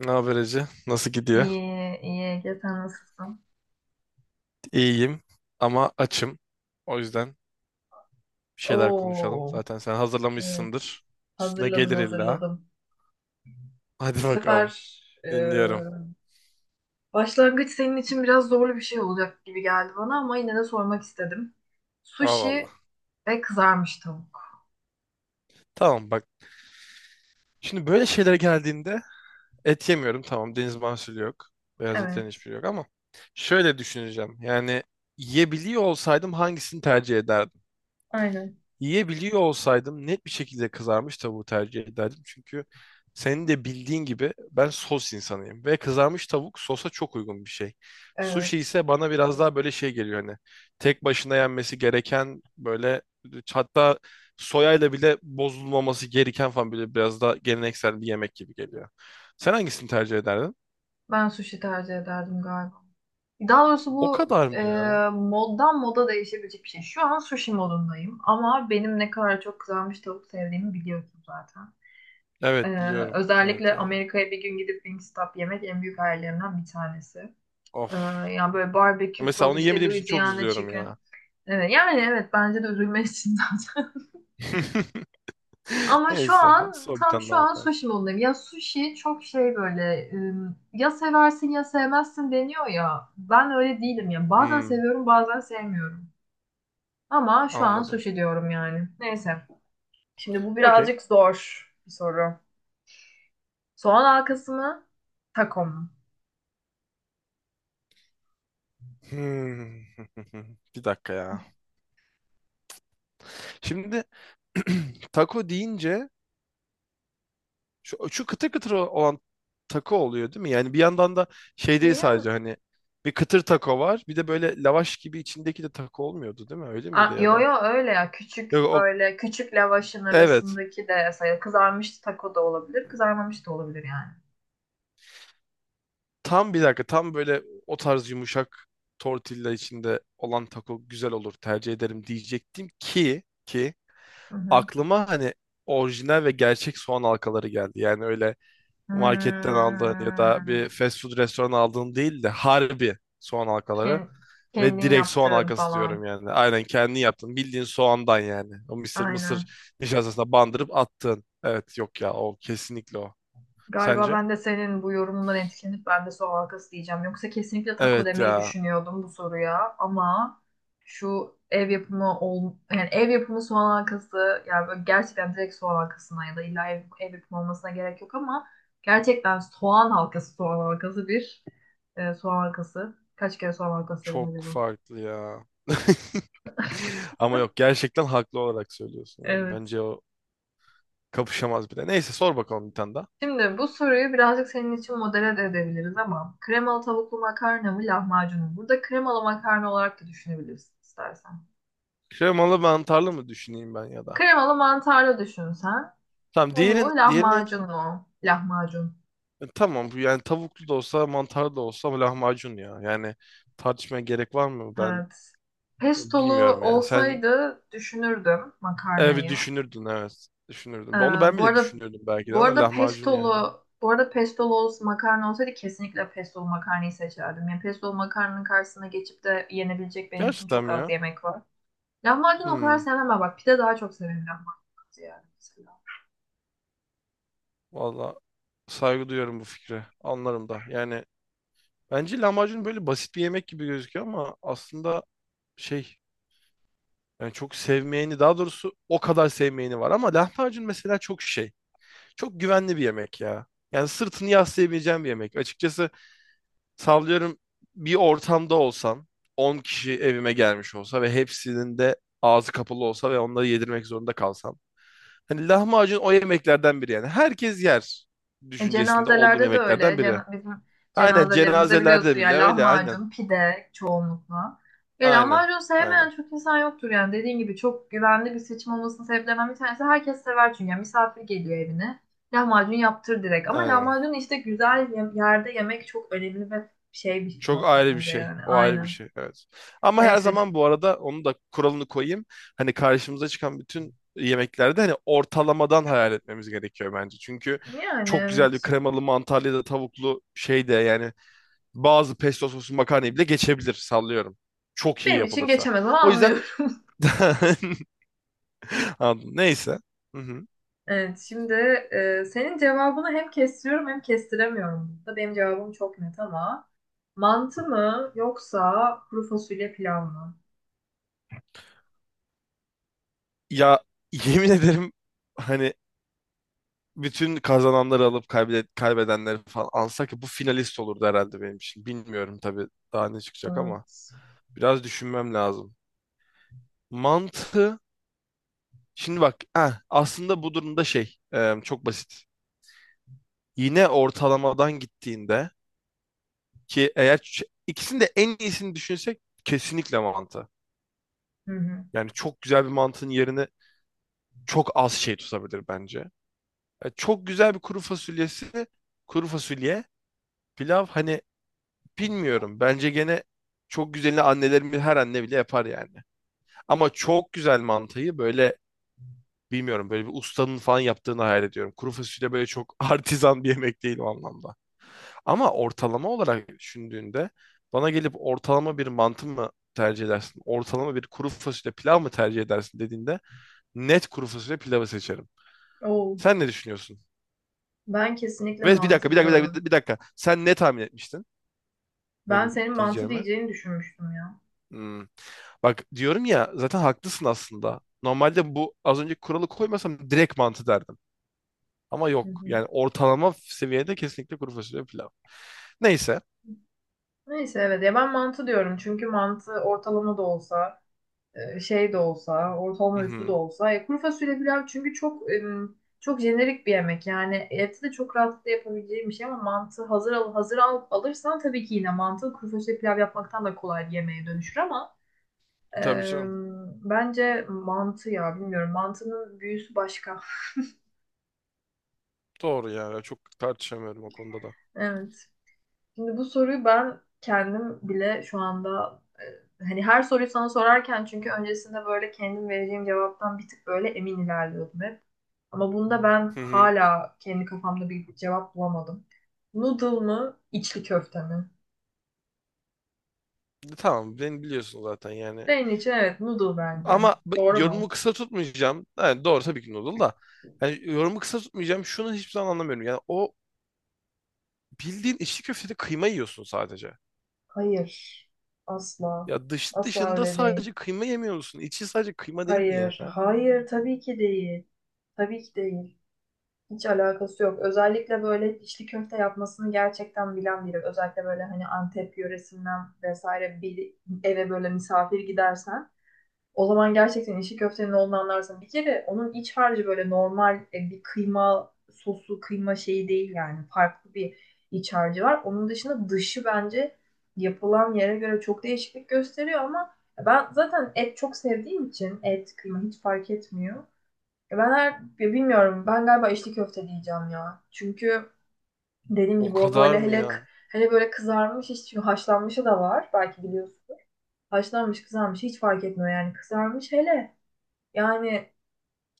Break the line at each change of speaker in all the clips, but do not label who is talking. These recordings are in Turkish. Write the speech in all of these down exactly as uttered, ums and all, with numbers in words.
Ne haber Ece? Nasıl gidiyor?
İyi, iyi Ege, sen nasılsın?
İyiyim ama açım. O yüzden bir şeyler konuşalım.
Oo,
Zaten sen
evet.
hazırlamışsındır. Üstüne
Hazırladım,
gelir illa.
hazırladım.
Hadi
Bu
bakalım.
sefer e,
Dinliyorum.
başlangıç senin için biraz zorlu bir şey olacak gibi geldi bana ama yine de sormak istedim.
Allah Allah.
Sushi ve kızarmış tavuk.
Tamam bak. Şimdi böyle şeylere geldiğinde et yemiyorum. Tamam deniz mahsulü yok. Beyaz etlerin
Evet,
hiçbiri yok ama şöyle düşüneceğim. Yani yiyebiliyor olsaydım hangisini tercih ederdim?
aynen.
Yiyebiliyor olsaydım net bir şekilde kızarmış tavuğu tercih ederdim. Çünkü senin de bildiğin gibi ben sos insanıyım. Ve kızarmış tavuk sosa çok uygun bir şey. Sushi
Evet,
ise bana biraz daha böyle şey geliyor hani. Tek başına yenmesi gereken böyle, hatta soyayla bile bozulmaması gereken falan, böyle biraz daha geleneksel bir yemek gibi geliyor. Sen hangisini tercih ederdin?
ben sushi tercih ederdim galiba. Daha doğrusu
O
bu
kadar mı
e,
ya?
moddan moda değişebilecek bir şey. Şu an sushi modundayım ama benim ne kadar çok kızarmış tavuk sevdiğimi biliyorsun zaten.
Evet
Ee,
biliyorum. Evet
özellikle
yani.
Amerika'ya bir gün gidip Wingstop yemek en büyük hayallerimden bir tanesi.
Of.
Ee, yani böyle barbekü
Mesela
sos
onu
işte
yemediğim için çok
Louisiana
üzülüyorum
chicken.
ya.
Evet, yani evet bence de üzülmezsin zaten. Ama şu
Neyse. Hadi
an
sor bir
tam
tane
şu
daha
an
bakalım.
sushi modundayım. Ya sushi çok şey böyle ım, ya seversin ya sevmezsin deniyor ya. Ben öyle değilim ya. Bazen
Hmm,
seviyorum bazen sevmiyorum. Ama şu an
anladım.
sushi diyorum yani. Neyse. Şimdi bu
Okey.
birazcık zor bir soru. Soğan halkası mı? Taco mu?
Hmm. Bir dakika ya. Şimdi taco deyince şu, şu kıtır kıtır olan taco oluyor değil mi? Yani bir yandan da şey değil
İyi.
sadece, hani bir kıtır taco var. Bir de böyle lavaş gibi içindeki de taco olmuyordu değil mi? Öyle miydi
A-
ya
yo
da?
yo öyle ya,
Yok
küçük
o,
böyle küçük lavaşın
evet.
arasındaki de sayılır. Kızarmış taco da olabilir, kızarmamış da olabilir yani.
Tam bir dakika, tam böyle o tarz yumuşak tortilla içinde olan taco güzel olur tercih ederim diyecektim ki ki
Hı hı.
aklıma hani orijinal ve gerçek soğan halkaları geldi. Yani öyle marketten aldığın ya da
Hmm,
bir fast food restoran aldığın değil de harbi soğan halkaları
ken-
ve
kendin
direkt soğan
yaptığın
halkası
falan.
diyorum yani. Aynen kendi yaptın. Bildiğin soğandan yani. O mısır mısır
Aynen.
nişastasına bandırıp attın. Evet yok ya, o kesinlikle o.
Galiba
Sence?
ben de senin bu yorumundan etkilenip ben de soğan halkası diyeceğim. Yoksa kesinlikle taco
Evet
demeyi
ya,
düşünüyordum bu soruya ama şu ev yapımı ol yani ev yapımı soğan halkası yani böyle gerçekten direkt soğan halkasına ya da illa ev, ev yapımı olmasına gerek yok ama gerçekten soğan halkası soğan halkası bir e, soğan halkası. Kaç kere soğan halkası dedim
çok
acaba?
farklı ya. Ama yok, gerçekten haklı olarak söylüyorsun yani.
Evet.
Bence o kapışamaz bile. Neyse sor bakalım bir tane daha.
Şimdi bu soruyu birazcık senin için modele de edebiliriz ama kremalı tavuklu makarna mı lahmacun mu? Burada kremalı makarna olarak da düşünebilirsin istersen.
Kremalı mantarlı mı düşüneyim ben ya da?
Kremalı mantarlı düşün sen.
Tamam
O mu
diğerin diğeri neydi?
lahmacun mu? Lahmacun.
E, tamam, bu yani tavuklu da olsa mantarlı da olsa ama lahmacun ya. Yani tartışmaya gerek var mı? Ben
Evet. Pestolu
bilmiyorum yani. Sen
olsaydı düşünürdüm
evet bir
makarnayı.
düşünürdün, evet.
Ee,
Düşünürdün. Onu ben
bu
bile
arada
düşünürdüm belki de
bu
ama
arada
lahmacun yani.
pestolu bu arada pestolu olsa, makarna olsaydı kesinlikle pestolu makarnayı seçerdim. Yani pestolu makarnanın karşısına geçip de yenebilecek benim için
Gerçekten
çok
mi
az
ya?
yemek var. Lahmacun o kadar
Hmm.
sevmem ama bak pide daha çok severim lahmacun yani mesela.
Valla saygı duyuyorum bu fikre. Anlarım da. Yani bence lahmacun böyle basit bir yemek gibi gözüküyor ama aslında şey, yani çok sevmeyeni, daha doğrusu o kadar sevmeyeni var ama lahmacun mesela çok şey. Çok güvenli bir yemek ya. Yani sırtını yaslayabileceğim bir yemek. Açıkçası sallıyorum, bir ortamda olsam, on kişi evime gelmiş olsa ve hepsinin de ağzı kapalı olsa ve onları yedirmek zorunda kalsam. Hani lahmacun o yemeklerden biri yani. Herkes yer
E,
düşüncesinde olduğum
cenazelerde de öyle.
yemeklerden biri.
Cena- bizim
Aynen
cenazelerimizde
cenazelerde
biliyorsun
bile
yani
öyle, aynen.
lahmacun, pide çoğunlukla. E,
Aynen.
lahmacun sevmeyen
Aynen.
çok insan yoktur yani. Dediğin gibi çok güvenli bir seçim olmasının sebeplerinden bir tanesi herkes sever çünkü. Yani misafir geliyor evine. Lahmacun yaptır direkt. Ama
Aynen.
lahmacun işte güzel ye- yerde yemek çok önemli ve şey bir
Çok
nokta
ayrı bir
bence
şey.
yani.
O ayrı bir
Aynen.
şey. Evet. Ama her
Neyse.
zaman bu arada onu da kuralını koyayım. Hani karşımıza çıkan bütün yemeklerde hani ortalamadan hayal etmemiz gerekiyor bence. Çünkü
Yani
çok güzel bir
evet.
kremalı mantarlı ya da tavuklu şey de yani bazı pesto soslu makarnayı bile geçebilir sallıyorum. Çok iyi
Benim için
yapılırsa.
geçemez ama
O yüzden
anlıyorum.
Anladım. Neyse. Hı hı.
Evet, şimdi e, senin cevabını hem kestiriyorum hem kestiremiyorum. Burada benim cevabım çok net ama mantı mı yoksa kuru fasulye pilav mı?
Ya yemin ederim, hani bütün kazananları alıp kaybe- kaybedenleri falan alsak ya bu finalist olurdu herhalde benim için. Bilmiyorum tabii daha ne çıkacak ama
Evet.
biraz düşünmem lazım. Mantı, şimdi bak eh, aslında bu durumda şey e, çok basit. Yine ortalamadan gittiğinde ki eğer ç- ikisini de en iyisini düşünsek kesinlikle mantı.
Hı hı.
Yani çok güzel bir mantının yerine çok az şey tutabilir bence. E, çok güzel bir kuru fasulyesi, kuru fasulye, pilav hani. Bilmiyorum. Bence gene çok güzelini annelerimiz, her anne bile yapar yani. Ama çok güzel mantıyı böyle bilmiyorum, böyle bir ustanın falan yaptığını hayal ediyorum. Kuru fasulye böyle çok artizan bir yemek değil o anlamda. Ama ortalama olarak düşündüğünde bana gelip ortalama bir mantı mı tercih edersin? Ortalama bir kuru fasulye pilav mı tercih edersin dediğinde net kuru fasulye pilavı seçerim.
Oo,
Sen ne düşünüyorsun?
ben kesinlikle
Ve bir dakika,
mantı
bir dakika, bir
diyorum.
dakika, bir dakika. Sen ne tahmin etmiştin
Ben
benim
senin mantı
diyeceğime?
diyeceğini düşünmüştüm ya.
Hmm. Bak diyorum ya zaten haklısın aslında. Normalde bu az önce kuralı koymasam direkt mantı derdim. Ama
Hı
yok.
hı.
Yani ortalama seviyede kesinlikle kuru fasulye pilav. Neyse.
Neyse evet ya ben mantı diyorum çünkü mantı ortalama da olsa e, şey de olsa, ortalama üstü de
Hı-hı.
olsa. E, kuru fasulye pilav çünkü çok e, çok jenerik bir yemek. Yani eti de çok rahatlıkla yapabileceğim bir şey ama mantı hazır al, hazır al, alırsan tabii ki yine mantı kuru fasulye pilav yapmaktan da kolay bir yemeğe dönüşür ama e,
Tabii canım.
bence mantı ya bilmiyorum. Mantının büyüsü başka.
Doğru yani. Çok tartışamıyorum o konuda da.
Evet. Şimdi bu soruyu ben kendim bile şu anda e, hani her soruyu sana sorarken çünkü öncesinde böyle kendim vereceğim cevaptan bir tık böyle emin ilerliyordum hep. Ama bunda ben
Hı-hı.
hala kendi kafamda bir cevap bulamadım. Noodle mı, içli köfte mi?
Tamam beni biliyorsun zaten yani.
Senin için evet noodle bence.
Ama b-
Doğru
yorumu
mu?
kısa tutmayacağım. Yani doğru, tabii ki noodle da. Yani yorumu kısa tutmayacağım. Şunu hiçbir zaman anlamıyorum. Yani o, bildiğin içli köftede kıyma yiyorsun sadece.
Hayır. Asla.
Ya dış
Asla
dışında
öyle değil.
sadece kıyma yemiyor musun? İçi sadece kıyma değil mi ya?
Hayır. Hayır tabii ki değil. Tabii ki değil. Hiç alakası yok. Özellikle böyle içli köfte yapmasını gerçekten bilen biri. Özellikle böyle hani Antep yöresinden vesaire bir eve böyle misafir gidersen o zaman gerçekten işi köftenin olduğunu anlarsın. Bir kere onun iç harcı böyle normal e, bir kıyma sosu, kıyma şeyi değil yani. Farklı bir iç harcı var. Onun dışında dışı bence yapılan yere göre çok değişiklik gösteriyor ama ben zaten et çok sevdiğim için et, kıyma hiç fark etmiyor. E, Ben her, ya bilmiyorum ben galiba içli köfte diyeceğim ya. Çünkü dediğim
O
gibi o
kadar
böyle
mı
hele
ya?
hele böyle kızarmış hiç çünkü haşlanmışı da var belki biliyorsun. Haşlanmış kızarmış hiç fark etmiyor yani kızarmış hele. Yani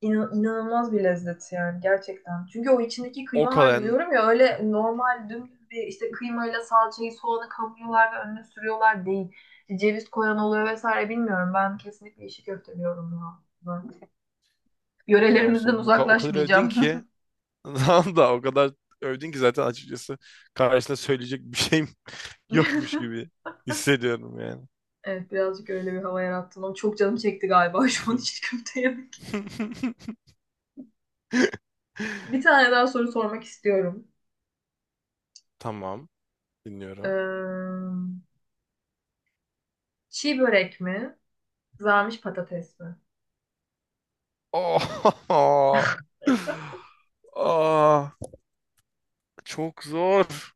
inan- inanılmaz bir lezzet yani gerçekten. Çünkü o içindeki
O
kıyma
kadar
harcı
yani-
diyorum ya öyle normal dümdüz bir işte kıymayla salçayı soğanı kavuruyorlar ve önüne sürüyorlar değil. İşte ceviz koyan oluyor vesaire bilmiyorum. Ben kesinlikle işi köfte diyorum ya. Ben
ya o
yörelerimizden
zaman bu ka- o kadar övdün
uzaklaşmayacağım.
ki tamam, da o kadar övdün ki zaten açıkçası karşısında söyleyecek bir şeyim yokmuş gibi hissediyorum yani.
Evet birazcık öyle bir hava yarattın ama çok canım çekti galiba şu an içli köfte yemek. Bir tane daha soru sormak istiyorum.
Tamam, dinliyorum.
Ee, çiğ börek mi? Kızarmış patates mi?
Oh! Aa, çok zor.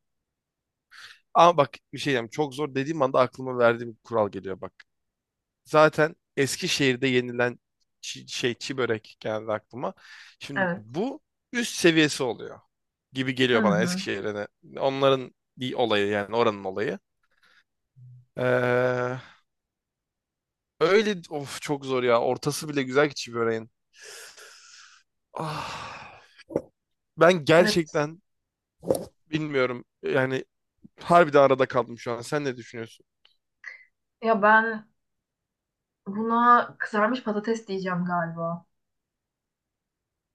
Ama bak bir şey diyeyim. Çok zor dediğim anda aklıma verdiğim kural geliyor bak. Zaten Eskişehir'de yenilen çi- şey çi börek geldi aklıma. Şimdi
Evet.
bu üst seviyesi oluyor gibi
Hı
geliyor bana
hı.
Eskişehir'e. Onların bir olayı yani, oranın olayı. Ee, Öyle of çok zor ya. Ortası bile güzel ki çi böreğin. Ah, ben
Evet.
gerçekten bilmiyorum. Yani harbiden arada kaldım şu an. Sen ne düşünüyorsun?
Ya ben buna kızarmış patates diyeceğim galiba.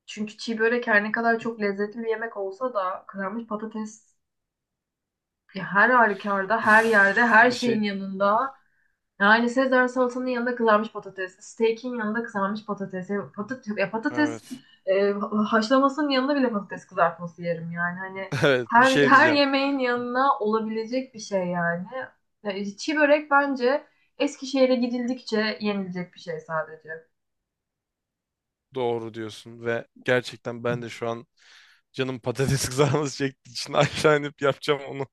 Çünkü çiğ börek her ne kadar çok lezzetli bir yemek olsa da kızarmış patates ya her halükarda, her yerde,
Uf,
her
bir
şeyin
şey
yanında. Yani Sezar salatanın yanında kızarmış patates, steak'in yanında kızarmış patates, ya patates, ya patates
Evet.
e, haşlamasının yanında bile patates kızartması yerim yani. Hani
Evet, bir
her
şey
her
diyeceğim.
yemeğin yanına olabilecek bir şey yani. Ya, çiğ börek bence Eskişehir'e gidildikçe yenilecek bir şey sadece.
Doğru diyorsun ve gerçekten ben de şu an canım patates kızarması çektiği için aşağı inip yapacağım onu.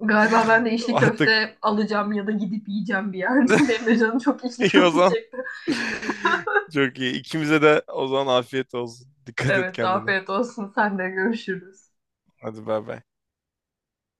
Galiba ben de içli
Artık
köfte alacağım ya da gidip yiyeceğim bir yerde. Benim de canım çok içli
iyi o
köfte
zaman.
çekti.
Çok iyi. İkimize de o zaman afiyet olsun. Dikkat et
Evet,
kendine.
afiyet olsun. Sen de görüşürüz.
Hadi bay bay.